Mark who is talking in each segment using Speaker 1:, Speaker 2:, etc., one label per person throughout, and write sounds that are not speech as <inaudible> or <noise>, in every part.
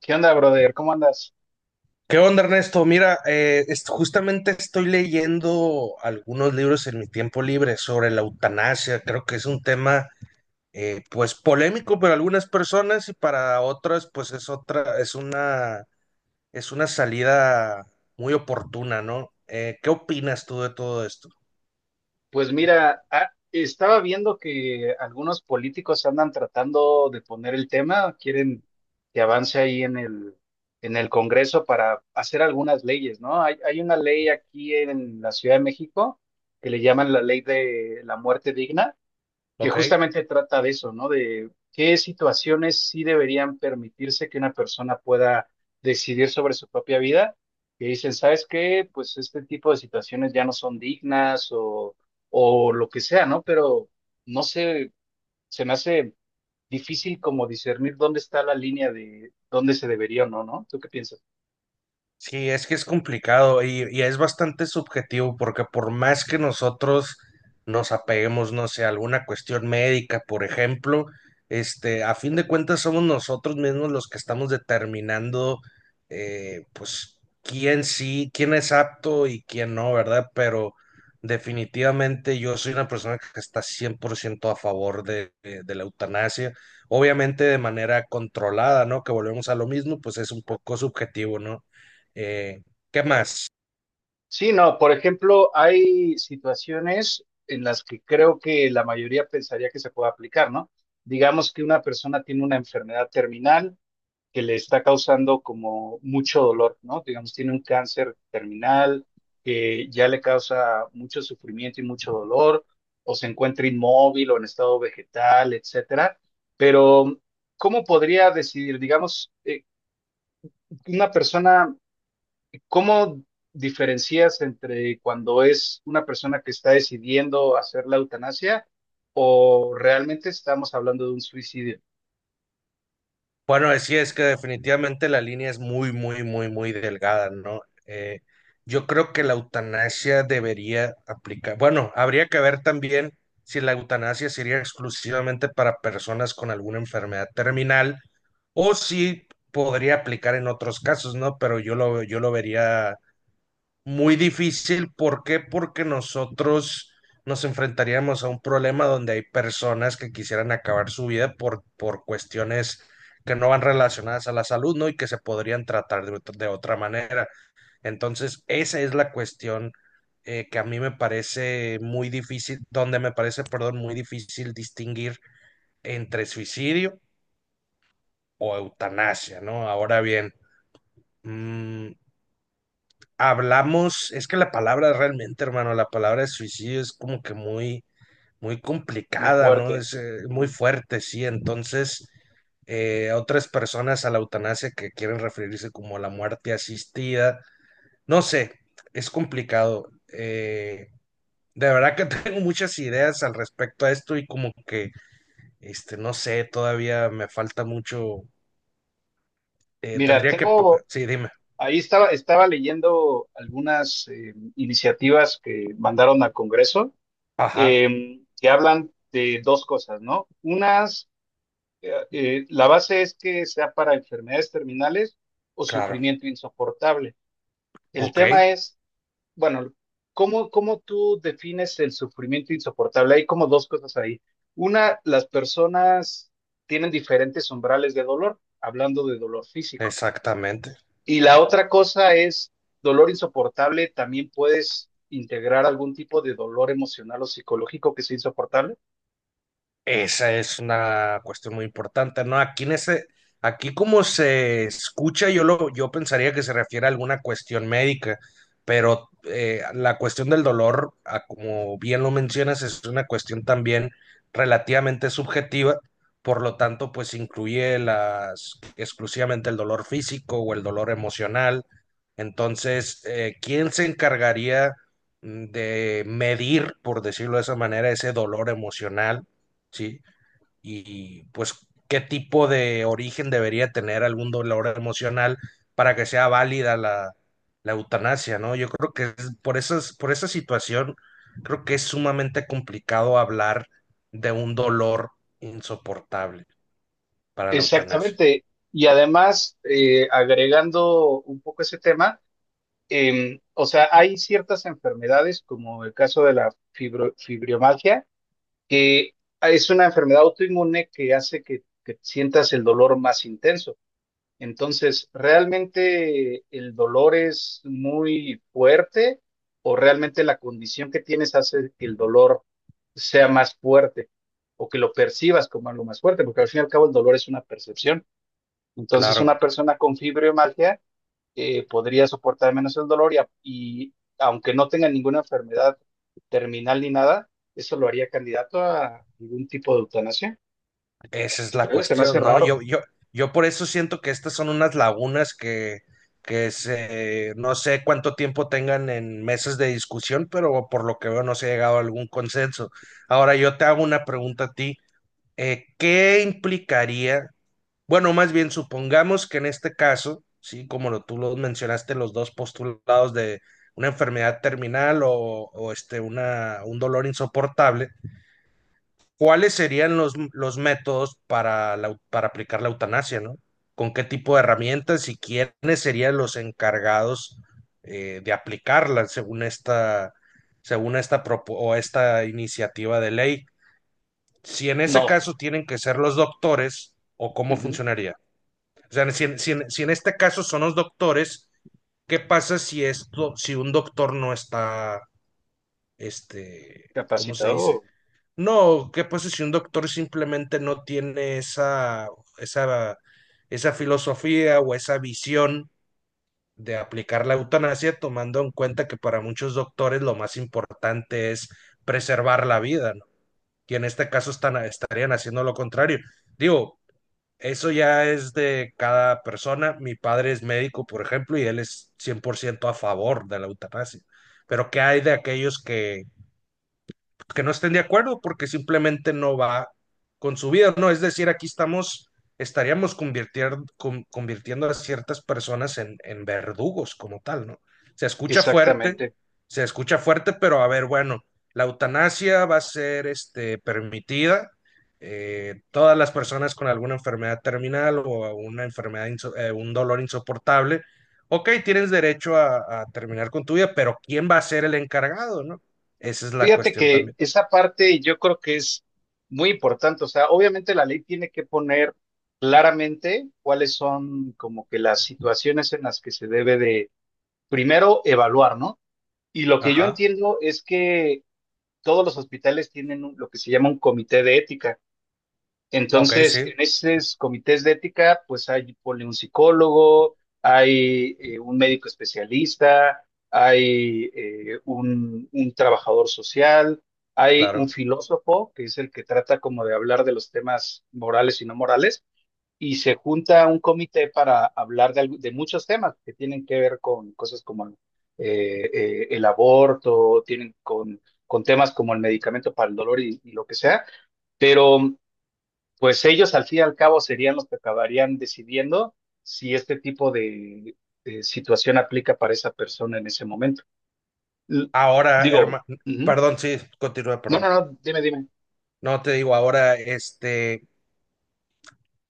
Speaker 1: ¿Qué onda, brother? ¿Cómo andas?
Speaker 2: ¿Qué onda, Ernesto? Mira, justamente estoy leyendo algunos libros en mi tiempo libre sobre la eutanasia. Creo que es un tema, polémico para algunas personas y para otras, pues, es una salida muy oportuna, ¿no? ¿Qué opinas tú de todo esto?
Speaker 1: Pues mira, estaba viendo que algunos políticos andan tratando de poner el tema, quieren que avance ahí en el Congreso para hacer algunas leyes, ¿no? Hay una ley aquí en la Ciudad de México que le llaman la ley de la muerte digna que
Speaker 2: ¿Ok?
Speaker 1: justamente trata de eso, ¿no? De qué situaciones sí deberían permitirse que una persona pueda decidir sobre su propia vida, que dicen, ¿sabes qué? Pues este tipo de situaciones ya no son dignas o lo que sea, ¿no? Pero no sé, se me hace difícil como discernir dónde está la línea de dónde se debería o no, ¿no? ¿Tú qué piensas?
Speaker 2: Sí, es que es complicado y es bastante subjetivo porque por más que nosotros nos apeguemos, no sé, a alguna cuestión médica, por ejemplo, este, a fin de cuentas somos nosotros mismos los que estamos determinando, quién sí, quién es apto y quién no, ¿verdad? Pero definitivamente yo soy una persona que está 100% a favor de la eutanasia, obviamente de manera controlada, ¿no? Que volvemos a lo mismo, pues es un poco subjetivo, ¿no? Eh, ¿Qué más?
Speaker 1: Sí, no, por ejemplo, hay situaciones en las que creo que la mayoría pensaría que se puede aplicar, ¿no? Digamos que una persona tiene una enfermedad terminal que le está causando como mucho dolor, ¿no? Digamos, tiene un cáncer terminal que ya le causa mucho sufrimiento y mucho dolor, o se encuentra inmóvil o en estado vegetal, etcétera. Pero, ¿cómo podría decidir, digamos, una persona? ¿Cómo diferencias entre cuando es una persona que está decidiendo hacer la eutanasia o realmente estamos hablando de un suicidio
Speaker 2: Bueno, decía es que definitivamente la línea es muy, muy, muy, muy delgada, ¿no? Eh, yo creo que la eutanasia debería aplicar. Bueno, habría que ver también si la eutanasia sería exclusivamente para personas con alguna enfermedad terminal o si podría aplicar en otros casos, ¿no? Pero yo lo vería muy difícil. ¿Por qué? Porque nosotros nos enfrentaríamos a un problema donde hay personas que quisieran acabar su vida por cuestiones que no van relacionadas a la salud, ¿no? Y que se podrían tratar de otra manera. Entonces, esa es la cuestión, que a mí me parece muy difícil, donde me parece, perdón, muy difícil distinguir entre suicidio o eutanasia, ¿no? Ahora bien, mm, hablamos, es que la palabra realmente, hermano, la palabra de suicidio es como que muy, muy
Speaker 1: muy
Speaker 2: complicada, ¿no?
Speaker 1: fuerte?
Speaker 2: Es muy
Speaker 1: Ujú.
Speaker 2: fuerte, sí. Entonces, otras personas a la eutanasia que quieren referirse como a la muerte asistida, no sé, es complicado. De verdad que <laughs> tengo muchas ideas al respecto a esto y como que, este, no sé, todavía me falta mucho. eh,
Speaker 1: Mira,
Speaker 2: tendría que,
Speaker 1: tengo,
Speaker 2: sí, dime.
Speaker 1: ahí estaba, estaba leyendo algunas iniciativas que mandaron al Congreso
Speaker 2: Ajá,
Speaker 1: que hablan de dos cosas, ¿no? Unas, la base es que sea para enfermedades terminales o
Speaker 2: claro.
Speaker 1: sufrimiento insoportable. El
Speaker 2: Ok,
Speaker 1: tema es bueno, ¿cómo, cómo tú defines el sufrimiento insoportable? Hay como dos cosas ahí. Una, las personas tienen diferentes umbrales de dolor, hablando de dolor físico.
Speaker 2: exactamente.
Speaker 1: Y la otra cosa es, dolor insoportable, ¿también puedes integrar algún tipo de dolor emocional o psicológico que sea insoportable?
Speaker 2: Esa es una cuestión muy importante, ¿no? Aquí como se escucha, yo pensaría que se refiere a alguna cuestión médica, pero la cuestión del dolor, a como bien lo mencionas, es una cuestión también relativamente subjetiva, por lo tanto, pues incluye las exclusivamente el dolor físico o el dolor emocional. Entonces, ¿quién se encargaría, de medir, por decirlo de esa manera, ese dolor emocional? ¿Sí? Y pues, ¿qué tipo de origen debería tener algún dolor emocional para que sea válida la eutanasia, ¿no? Yo creo que por esas, por esa situación, creo que es sumamente complicado hablar de un dolor insoportable para la eutanasia.
Speaker 1: Exactamente. Y además, agregando un poco ese tema, o sea, hay ciertas enfermedades, como el caso de la fibromialgia que es una enfermedad autoinmune que hace que sientas el dolor más intenso. Entonces, ¿realmente el dolor es muy fuerte o realmente la condición que tienes hace que el dolor sea más fuerte o que lo percibas como algo más fuerte? Porque al fin y al cabo el dolor es una percepción. Entonces, una
Speaker 2: Claro.
Speaker 1: persona con fibromialgia podría soportar menos el dolor y aunque no tenga ninguna enfermedad terminal ni nada, eso lo haría candidato a algún tipo de eutanasia.
Speaker 2: Esa es
Speaker 1: Se
Speaker 2: la
Speaker 1: cree que se me hace
Speaker 2: cuestión, ¿no?
Speaker 1: raro.
Speaker 2: Yo por eso siento que estas son unas lagunas no sé cuánto tiempo tengan en mesas de discusión, pero por lo que veo no se ha llegado a algún consenso. Ahora yo te hago una pregunta a ti. ¿Qué implicaría? Bueno, más bien supongamos que en este caso, sí, tú lo mencionaste, los dos postulados de una enfermedad terminal un dolor insoportable, ¿cuáles serían los métodos para, para aplicar la eutanasia, ¿no? ¿Con qué tipo de herramientas y quiénes serían los encargados, de aplicarla según esta, propo- o esta iniciativa de ley? Si en ese
Speaker 1: No.
Speaker 2: caso tienen que ser los doctores, ¿o cómo
Speaker 1: Ujú.
Speaker 2: funcionaría? O sea, si en este caso son los doctores, ¿qué pasa si esto, si un doctor no está, este, ¿cómo se dice?
Speaker 1: Capacitado.
Speaker 2: No, ¿qué pasa si un doctor simplemente no tiene esa, esa filosofía o esa visión de aplicar la eutanasia, tomando en cuenta que para muchos doctores lo más importante es preservar la vida, ¿no? Y en este caso estarían haciendo lo contrario. Digo, eso ya es de cada persona. Mi padre es médico, por ejemplo, y él es 100% a favor de la eutanasia. Pero ¿qué hay de aquellos que no estén de acuerdo porque simplemente no va con su vida, ¿no? Es decir, estaríamos convirtiendo a ciertas personas en verdugos como tal, ¿no? Se escucha fuerte,
Speaker 1: Exactamente.
Speaker 2: se escucha fuerte, pero a ver, bueno, la eutanasia va a ser este, permitida. Todas las personas con alguna enfermedad terminal o una un dolor insoportable, ok, tienes derecho a terminar con tu vida, pero ¿quién va a ser el encargado, no? Esa es la
Speaker 1: Fíjate
Speaker 2: cuestión
Speaker 1: que
Speaker 2: también.
Speaker 1: esa parte yo creo que es muy importante. O sea, obviamente la ley tiene que poner claramente cuáles son como que las situaciones en las que se debe de primero evaluar, ¿no? Y lo que yo
Speaker 2: Ajá.
Speaker 1: entiendo es que todos los hospitales tienen lo que se llama un comité de ética.
Speaker 2: Ok,
Speaker 1: Entonces,
Speaker 2: sí,
Speaker 1: en esos comités de ética, pues hay ponle, un psicólogo, hay un médico especialista, hay un trabajador social, hay un
Speaker 2: claro.
Speaker 1: filósofo, que es el que trata como de hablar de los temas morales y no morales, y se junta un comité para hablar de, de muchos temas que tienen que ver con cosas como el aborto, tienen con temas como el medicamento para el dolor y lo que sea, pero pues ellos al fin y al cabo serían los que acabarían decidiendo si este tipo de situación aplica para esa persona en ese momento. L-
Speaker 2: Ahora,
Speaker 1: digo,
Speaker 2: hermano,
Speaker 1: ujú.
Speaker 2: perdón, sí, continúa,
Speaker 1: No,
Speaker 2: perdón.
Speaker 1: no, no, dime, dime.
Speaker 2: No te digo, ahora, este,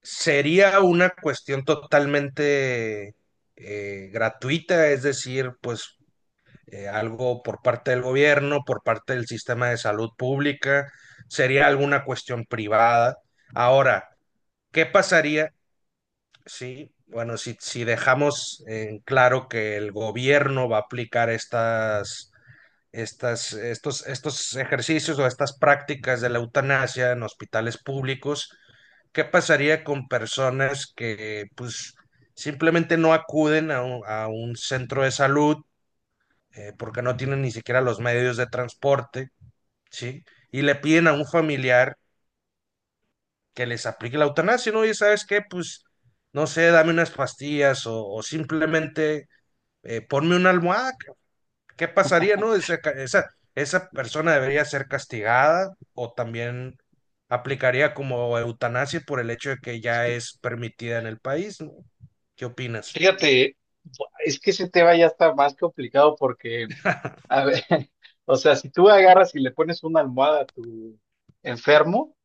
Speaker 2: sería una cuestión totalmente gratuita, es decir, pues algo por parte del gobierno, por parte del sistema de salud pública, sería alguna cuestión privada. Ahora, ¿qué pasaría? Sí, bueno, si dejamos en claro que el gobierno va a aplicar estos ejercicios o estas prácticas de la eutanasia en hospitales públicos, ¿qué pasaría con personas que pues simplemente no acuden a un centro de salud, porque no tienen ni siquiera los medios de transporte, ¿sí? Y le piden a un familiar que les aplique la eutanasia, ¿no? Y sabes qué, pues, no sé, dame unas pastillas o simplemente ponme una almohada. ¿Qué pasaría, no? Esa persona debería ser castigada o también aplicaría como eutanasia por el hecho de que ya es permitida en el país, ¿no? ¿Qué opinas?
Speaker 1: Fíjate, es que ese tema ya está más complicado porque a ver, <laughs> o sea, si tú agarras y le pones una almohada a tu enfermo,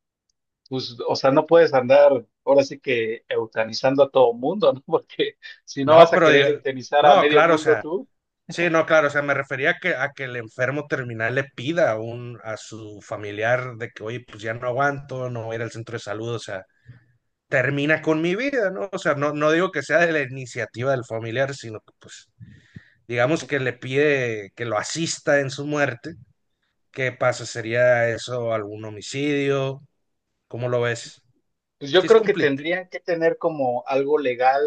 Speaker 1: pues, o sea, no puedes andar ahora sí que eutanizando a todo mundo, ¿no? <laughs> Porque si no
Speaker 2: No,
Speaker 1: vas a querer eutanizar a
Speaker 2: no,
Speaker 1: medio
Speaker 2: claro, o
Speaker 1: mundo
Speaker 2: sea,
Speaker 1: tú,
Speaker 2: sí, no, claro, o sea, me refería a que el enfermo terminal le pida a su familiar de que, oye, pues ya no aguanto, no voy a ir al centro de salud, o sea, termina con mi vida, ¿no? O sea, no digo que sea de la iniciativa del familiar, sino que, pues, digamos que le pide que lo asista en su muerte. ¿Qué pasa? ¿Sería eso algún homicidio? ¿Cómo lo ves?
Speaker 1: pues yo
Speaker 2: Sí, es
Speaker 1: creo que
Speaker 2: complicado.
Speaker 1: tendrían que tener como algo legal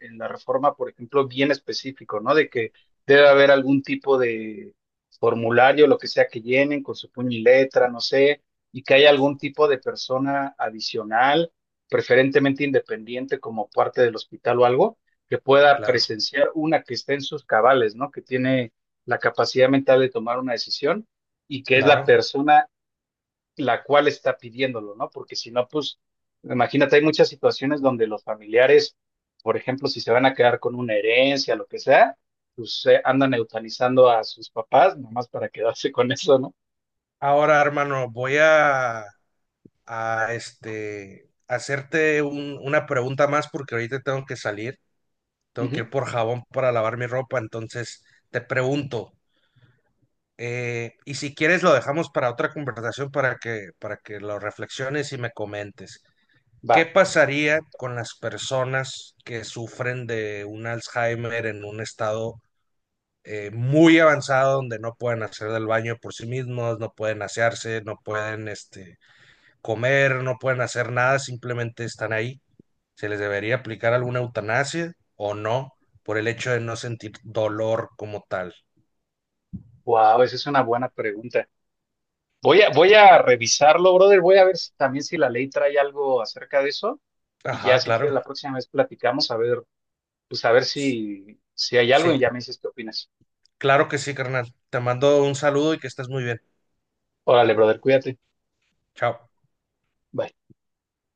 Speaker 1: en la reforma, por ejemplo, bien específico, ¿no? De que debe haber algún tipo de formulario, lo que sea que llenen con su puño y letra, no sé, y que haya algún tipo de persona adicional, preferentemente independiente como parte del hospital o algo, que pueda
Speaker 2: Claro,
Speaker 1: presenciar una que esté en sus cabales, ¿no? Que tiene la capacidad mental de tomar una decisión y que es la
Speaker 2: claro.
Speaker 1: persona la cual está pidiéndolo, ¿no? Porque si no, pues, imagínate, hay muchas situaciones donde los familiares, por ejemplo, si se van a quedar con una herencia, lo que sea, pues andan eutanizando a sus papás, nomás para quedarse con eso, ¿no?
Speaker 2: Ahora, hermano, a este, hacerte una pregunta más porque ahorita tengo que salir. Tengo que ir
Speaker 1: Ujú.
Speaker 2: por jabón para lavar mi ropa. Entonces, te pregunto, y si quieres lo dejamos para otra conversación para que lo reflexiones y me comentes.
Speaker 1: Va,
Speaker 2: ¿Qué pasaría con las personas que sufren de un Alzheimer en un estado muy avanzado donde no pueden hacer del baño por sí mismos, no pueden asearse, no pueden este, comer, no pueden hacer nada, simplemente están ahí? ¿Se les debería aplicar alguna eutanasia o no por el hecho de no sentir dolor como tal?
Speaker 1: wow, esa es una buena pregunta. Voy a revisarlo, brother, voy a ver si- también si la ley trae algo acerca de eso y ya
Speaker 2: Ajá,
Speaker 1: si quieres
Speaker 2: claro.
Speaker 1: la próxima vez platicamos a ver, pues a ver
Speaker 2: S-
Speaker 1: si, si hay algo y
Speaker 2: Sí,
Speaker 1: ya me dices qué opinas.
Speaker 2: claro que sí, carnal. Te mando un saludo y que estés muy bien.
Speaker 1: Órale, brother, cuídate.
Speaker 2: Chao.
Speaker 1: Bye.